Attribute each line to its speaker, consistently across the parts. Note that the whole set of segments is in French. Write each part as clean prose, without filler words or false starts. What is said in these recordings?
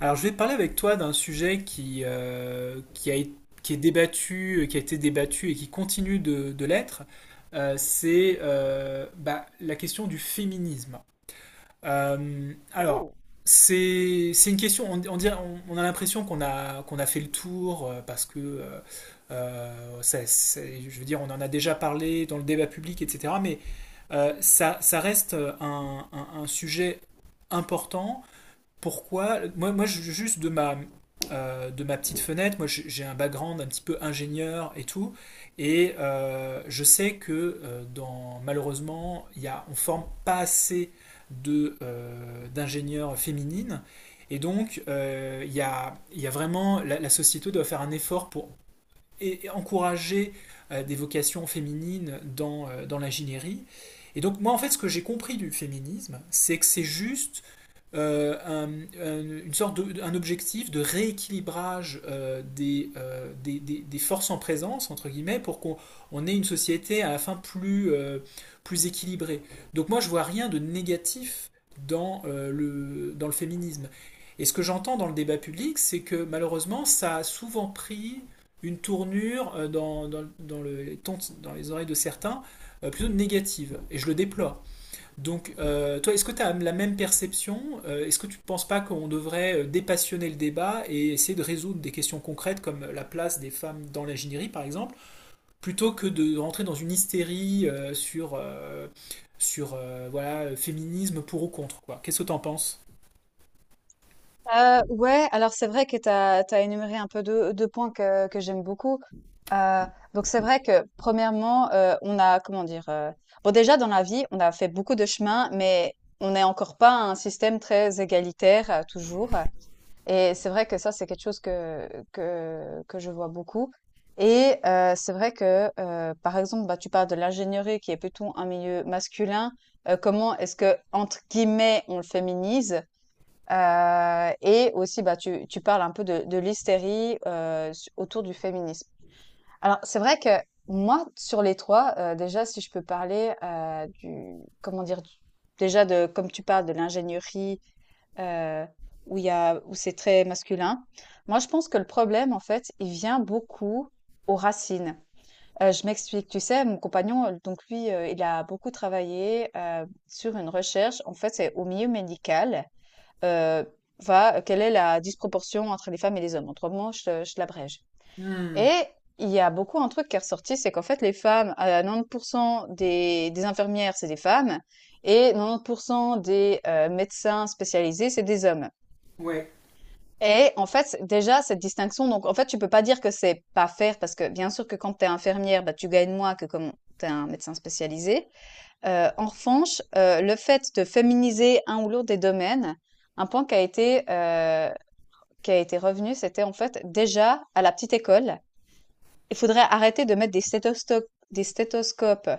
Speaker 1: Alors, je vais parler avec toi d'un sujet qui est débattu, qui a été débattu et qui continue de l'être. La question du féminisme. Euh, alors,
Speaker 2: Oh.
Speaker 1: c'est une question, on a l'impression qu'on a fait le tour, parce que je veux dire, on en a déjà parlé dans le débat public, etc. Mais ça reste un sujet important. Pourquoi? Moi juste de ma petite fenêtre, moi j'ai un background un petit peu ingénieur et tout, et je sais que dans malheureusement il y a, on forme pas assez de d'ingénieurs féminines, et donc il y a vraiment la société doit faire un effort pour encourager des vocations féminines dans dans l'ingénierie. Et donc moi en fait ce que j'ai compris du féminisme, c'est que c'est juste euh, un, une sorte de, un objectif de rééquilibrage, des forces en présence, entre guillemets, pour qu'on on ait une société à la fin plus, plus équilibrée. Donc moi, je vois rien de négatif dans, dans le féminisme. Et ce que j'entends dans le débat public, c'est que malheureusement, ça a souvent pris une tournure, dans les oreilles de certains, plutôt négative. Et je le déplore. Donc, toi, est-ce que tu as la même perception? Est-ce que tu ne penses pas qu'on devrait dépassionner le débat et essayer de résoudre des questions concrètes comme la place des femmes dans l'ingénierie, par exemple, plutôt que de rentrer dans une hystérie, sur, sur voilà, féminisme pour ou contre, quoi. Qu'est-ce que tu en penses?
Speaker 2: Ouais, alors c'est vrai que tu as énuméré un peu deux, deux points que j'aime beaucoup. Euh, donc c'est vrai que premièrement, on a, comment dire, bon déjà dans la vie, on a fait beaucoup de chemin, mais on n'est encore pas un système très égalitaire, toujours. Et c'est vrai que je vois beaucoup. Et euh, par exemple, bah, tu peux ignorer qu'il y ait plutôt un milieu masculin. Comment est-ce que entrer, on le féminise? Et aussi, bah, tu parles un peu de l'hystérie, su autour du féminisme. Alors, c'est vrai que moi, sur les 3, déjà, si je peux parler, du comment dire? Du déjà de comme tu parles de l'ingénierie, heu, où il y a où c'est très masculin. Moi, je pense que le problème, en fait, il vient beaucoup aux racines. Je m'explique. Tu sais, mon compagnon, donc lui, il a beaucoup travaillé, sur une recherche. En fait, c'est au milieu médical, heu, va quelle est la disproportion entre les femmes et les hommes? En 3 mots, je te l'abrège,
Speaker 1: Hmm.
Speaker 2: et il y a beaucoup un truc qui est ressorti, c'est qu'en fait les femmes, à 90 des infirmières, c'est des femmes, et 90 des, médecins spécialisés, c'est des hommes. Et en fait, déjà cette distinction, donc en fait, tu peux pas dire que c'est pas fair, parce que bien sûr que quand tu es infirmière, bah, tu gagnes moins que comme tu es un médecin spécialisé. En revanche, le fait de féminiser un ou l'autre des domaines, un point qui a été revenu, c'était en fait déjà à la petite école, il faudrait arrêter de mettre des des stéthoscopes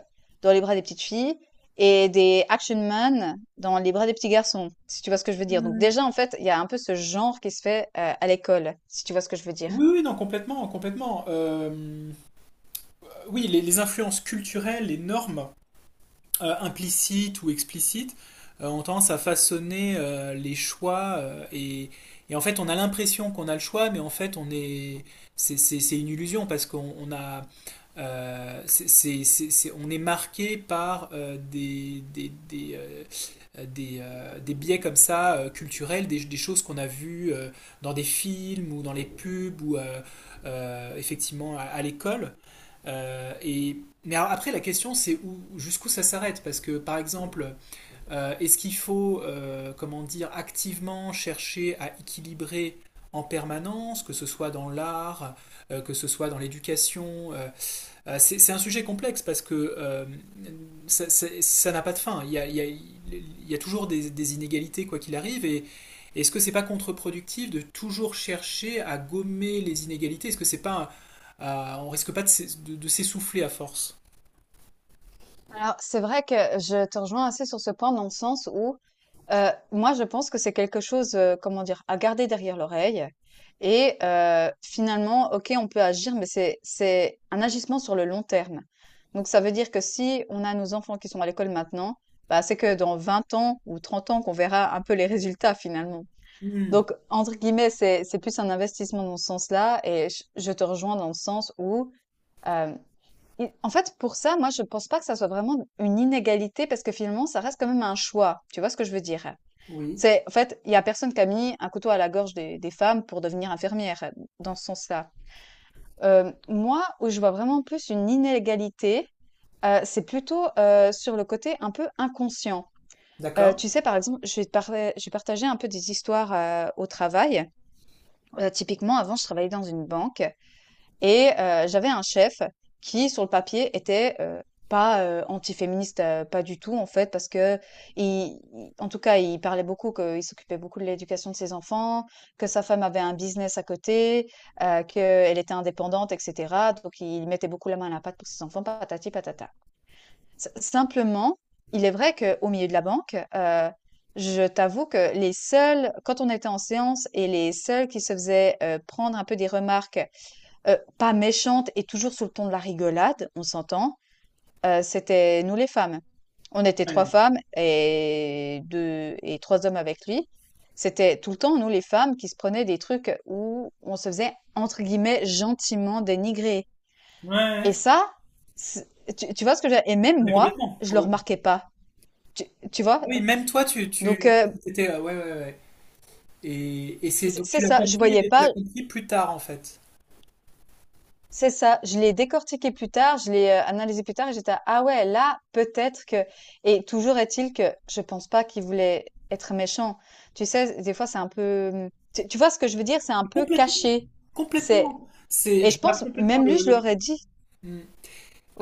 Speaker 2: dans les bras des petites filles et des action man dans les bras des petits garçons, si tu vois ce que je veux dire. Donc déjà, en fait, il y a un peu ce genre qui se fait, à l'école, si tu vois ce que je veux dire.
Speaker 1: Oui, oui, non, complètement, complètement. Oui, les influences culturelles, les normes implicites ou explicites ont tendance à façonner, les choix, et en fait on a l'impression qu'on a le choix mais en fait on est c'est une illusion parce qu'on on a, on est marqué par des biais comme ça, culturels, des choses qu'on a vues, dans des films ou dans les pubs ou effectivement à l'école, et mais après la question c'est où jusqu'où ça s'arrête, parce que par exemple, est-ce qu'il faut, comment dire, activement chercher à équilibrer en permanence, que ce soit dans l'art, que ce soit dans l'éducation, c'est un sujet complexe parce que ça n'a pas de fin. Il y a toujours des inégalités quoi qu'il arrive. Et est-ce que c'est pas contre-productif de toujours chercher à gommer les inégalités? Est-ce que c'est pas on risque pas de s'essouffler à force?
Speaker 2: Alors, c'est vrai que je te rejoins assez sur ce point dans le sens où, moi, je pense que c'est quelque chose, comment dire, à garder derrière l'oreille. Et finalement, ok, on peut agir, mais c'est un agissement sur le long terme. Donc, ça veut dire que si on a nos enfants qui sont à l'école maintenant, bah, c'est que dans 20 ans ou 30 ans qu'on verra un peu les résultats finalement.
Speaker 1: Hmm,
Speaker 2: Donc, entre guillemets, c'est plus un investissement dans ce sens-là. Et je te rejoins dans le sens où, euh, et en fait, pour ça, moi, je pense pas que ça soit vraiment une inégalité parce que finalement, ça reste quand même un choix. Tu vois ce que je veux dire?
Speaker 1: oui,
Speaker 2: C'est, en fait, il y a personne qui a mis un couteau à la gorge des femmes pour devenir infirmière dans ce sens-là. Moi, où je vois vraiment plus une inégalité, c'est plutôt sur le côté un peu inconscient.
Speaker 1: d'accord.
Speaker 2: Tu sais, par exemple, je vais partager un peu des histoires, au travail. Typiquement, avant, je travaillais dans une banque, et j'avais un chef qui, sur le papier, était, pas antiféministe, pas du tout en fait, parce que en tout cas, il parlait beaucoup qu'il s'occupait beaucoup de l'éducation de ses enfants, que sa femme avait un business à côté, qu'elle était indépendante, etc. Donc, il mettait beaucoup la main à la pâte pour ses enfants, patati patata. Simplement, il est vrai qu'au milieu de la banque, je t'avoue que les seuls, quand on était en séance, et les seuls qui se faisaient, prendre un peu des remarques, pas méchante et toujours sous le ton de la rigolade, on s'entend, c'était nous les femmes. On était 3
Speaker 1: Ouais,
Speaker 2: femmes et 2 et 3 hommes avec lui. C'était tout le temps nous les femmes qui se prenaient des trucs où on se faisait entre guillemets «gentiment dénigrer»,
Speaker 1: ouais, ouais.
Speaker 2: et ça, c'est tu vois ce que je… Et même
Speaker 1: Mais
Speaker 2: moi,
Speaker 1: complètement,
Speaker 2: je le
Speaker 1: complètement.
Speaker 2: remarquais pas. Tu tu vois?
Speaker 1: Ah oui, même toi,
Speaker 2: donc heu,
Speaker 1: t'étais, ouais, ouais, ouais. Et c'est
Speaker 2: c'est
Speaker 1: donc
Speaker 2: c'est ça, je voyais
Speaker 1: tu l'as
Speaker 2: pas.
Speaker 1: compris plus tard en fait.
Speaker 2: C'est ça, je l'ai décortiqué plus tard, je l'ai, analysé plus tard et j'étais: «Ah ouais, là, peut-être que…» Et toujours est-il que je pense pas qu'il voulait être méchant. Tu sais, des fois, c'est un peu, tu vois ce que je veux dire? C'est un
Speaker 1: Mais
Speaker 2: peu
Speaker 1: complètement,
Speaker 2: caché. C'est
Speaker 1: complètement. C'est,
Speaker 2: et
Speaker 1: je
Speaker 2: je
Speaker 1: vois
Speaker 2: pense
Speaker 1: complètement
Speaker 2: même lui, je
Speaker 1: le truc.
Speaker 2: l'aurais dit.
Speaker 1: Mm.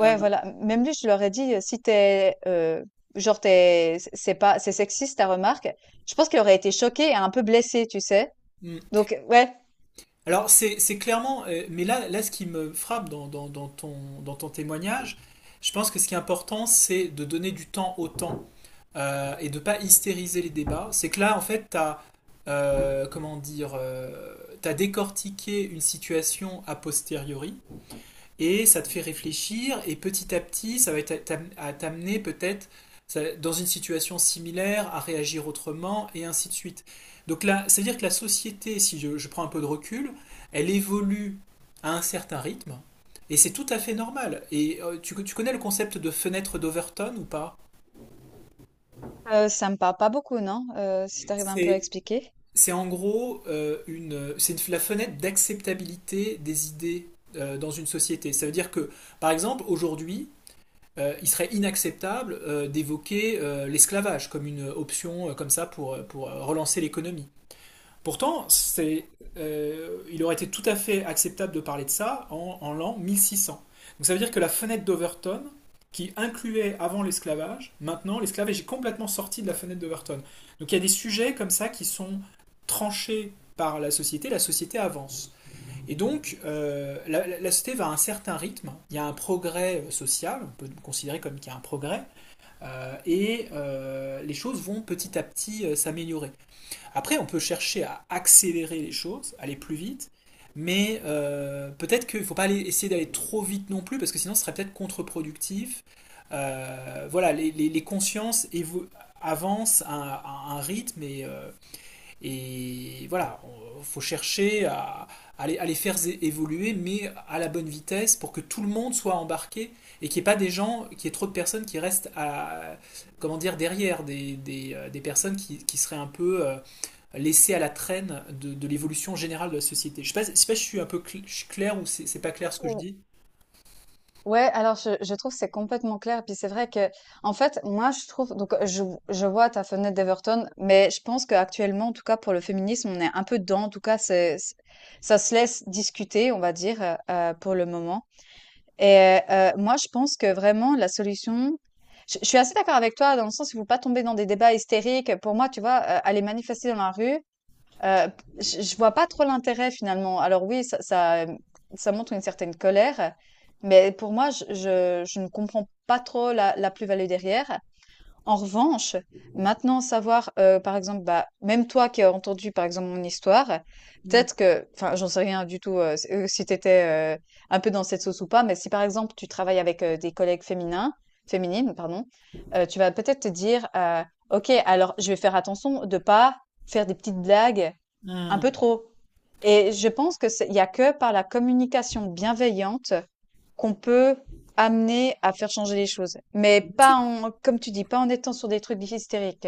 Speaker 1: Euh,
Speaker 2: voilà, même lui, je l'aurais dit, «Si genre, t'es c'est pas c'est sexiste ta remarque», je pense qu'il aurait été choqué et un peu blessé, tu sais?
Speaker 1: mm.
Speaker 2: Donc ouais,
Speaker 1: Alors c'est clairement, mais là, là, ce qui me frappe dans ton témoignage, je pense que ce qui est important, c'est de donner du temps au temps, et de pas hystériser les débats. C'est que là, en fait, t'as comment dire, t'as décortiqué une situation a posteriori. Et ça te fait réfléchir et petit à petit ça va être à t'amener peut-être dans une situation similaire à réagir autrement et ainsi de suite. Donc là, c'est-à-dire que la société, si je prends un peu de recul, elle évolue à un certain rythme et c'est tout à fait normal. Et tu connais le concept de fenêtre d'Overton ou pas?
Speaker 2: ça me parle pas beaucoup, non? Si tu arrives un peu à
Speaker 1: C'est
Speaker 2: expliquer?
Speaker 1: c'est en gros, la fenêtre d'acceptabilité des idées dans une société. Ça veut dire que, par exemple, aujourd'hui, il serait inacceptable d'évoquer l'esclavage comme une option, comme ça pour, relancer l'économie. Pourtant, il aurait été tout à fait acceptable de parler de ça en l'an 1600. Donc ça veut dire que la fenêtre d'Overton, qui incluait avant l'esclavage, maintenant l'esclavage est complètement sorti de la fenêtre d'Overton. Donc il y a des sujets comme ça qui sont tranchés par la société avance. Et donc, la société va à un certain rythme, il y a un progrès, social, on peut considérer comme qu'il y a un progrès, les choses vont petit à petit s'améliorer. Après, on peut chercher à accélérer les choses, aller plus vite, mais peut-être qu'il ne faut pas aller, essayer d'aller trop vite non plus, parce que sinon ce serait peut-être contre-productif. Voilà, les consciences avancent à un rythme et voilà, faut chercher à, à les faire évoluer, mais à la bonne vitesse pour que tout le monde soit embarqué et qu'il n'y ait pas des gens, qu'il y ait trop de personnes qui restent comment dire, derrière, des personnes qui seraient un peu, laissées à la traîne de l'évolution générale de la société. Je sais pas si je suis un peu je suis clair ou c'est pas clair ce que je dis.
Speaker 2: Ouais, alors je trouve que c'est complètement clair. Puis c'est vrai que, en fait, moi je trouve, donc je vois ta fenêtre d'Everton, mais je pense qu'actuellement, en tout cas pour le féminisme, on est un peu dedans. En tout cas, ça se laisse discuter, on va dire, pour le moment. Et moi, je pense que vraiment la solution, je suis assez d'accord avec toi dans le sens où il faut pas tomber dans des débats hystériques. Pour moi, tu vois, aller manifester dans la rue. Heu, je vois pas trop l'intérêt finalement. Alors oui, ça montre une certaine colère, mais pour moi, je ne comprends pas trop la plus-value derrière. En revanche, maintenant savoir, par exemple, bah, même toi qui as entendu, par exemple, mon histoire,
Speaker 1: Mm,
Speaker 2: peut-être que enfin, j'en sais rien du tout, s si t'étais étais, un peu dans cette sauce ou pas, mais si par exemple, tu travailles avec, des collègues féminins féminines, pardon, tu vas peut-être te dire, «OK, alors je vais faire attention de pas faire des petites blagues un
Speaker 1: mm.
Speaker 2: peu trop, et je pense que c'est il y a que par la communication bienveillante qu'on peut amener à faire changer les choses. Mais pas en, comme tu dis, pas en étant sur des trucs hystériques.»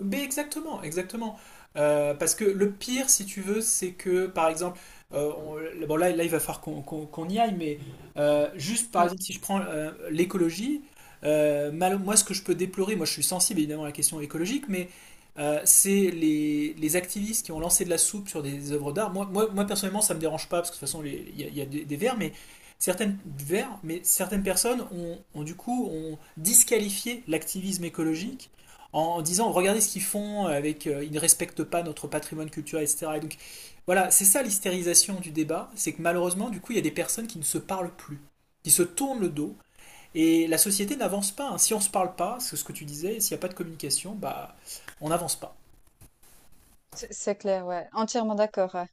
Speaker 1: Mais exactement, exactement. Parce que le pire, si tu veux, c'est que, par exemple, bon, il va falloir qu'on y aille, mais juste, par
Speaker 2: Mm.
Speaker 1: exemple, si je prends l'écologie, moi, ce que je peux déplorer, moi, je suis sensible évidemment à la question écologique, mais c'est les activistes qui ont lancé de la soupe sur des œuvres d'art. Moi, personnellement, ça me dérange pas, parce que de toute façon, il y a des vers, mais certaines personnes du coup ont disqualifié l'activisme écologique en disant, regardez ce qu'ils font avec, ils ne respectent pas notre patrimoine culturel, etc. Et donc voilà, c'est ça, l'hystérisation du débat, c'est que malheureusement du coup il y a des personnes qui ne se parlent plus, qui se tournent le dos, et la société n'avance pas, hein. Si on ne se parle pas, c'est ce que tu disais, s'il n'y a pas de communication, bah, on n'avance pas.
Speaker 2: C'est clair, ouais. Entièrement d'accord. Ouais.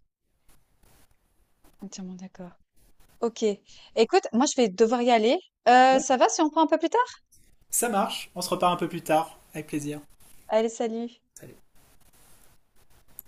Speaker 2: Entièrement d'accord. Ok. Écoute, moi, je vais devoir y aller.
Speaker 1: Ouais.
Speaker 2: Ça va si on prend un peu plus tard?
Speaker 1: Ça marche, on se repart un peu plus tard avec plaisir.
Speaker 2: Allez, salut.
Speaker 1: Salut.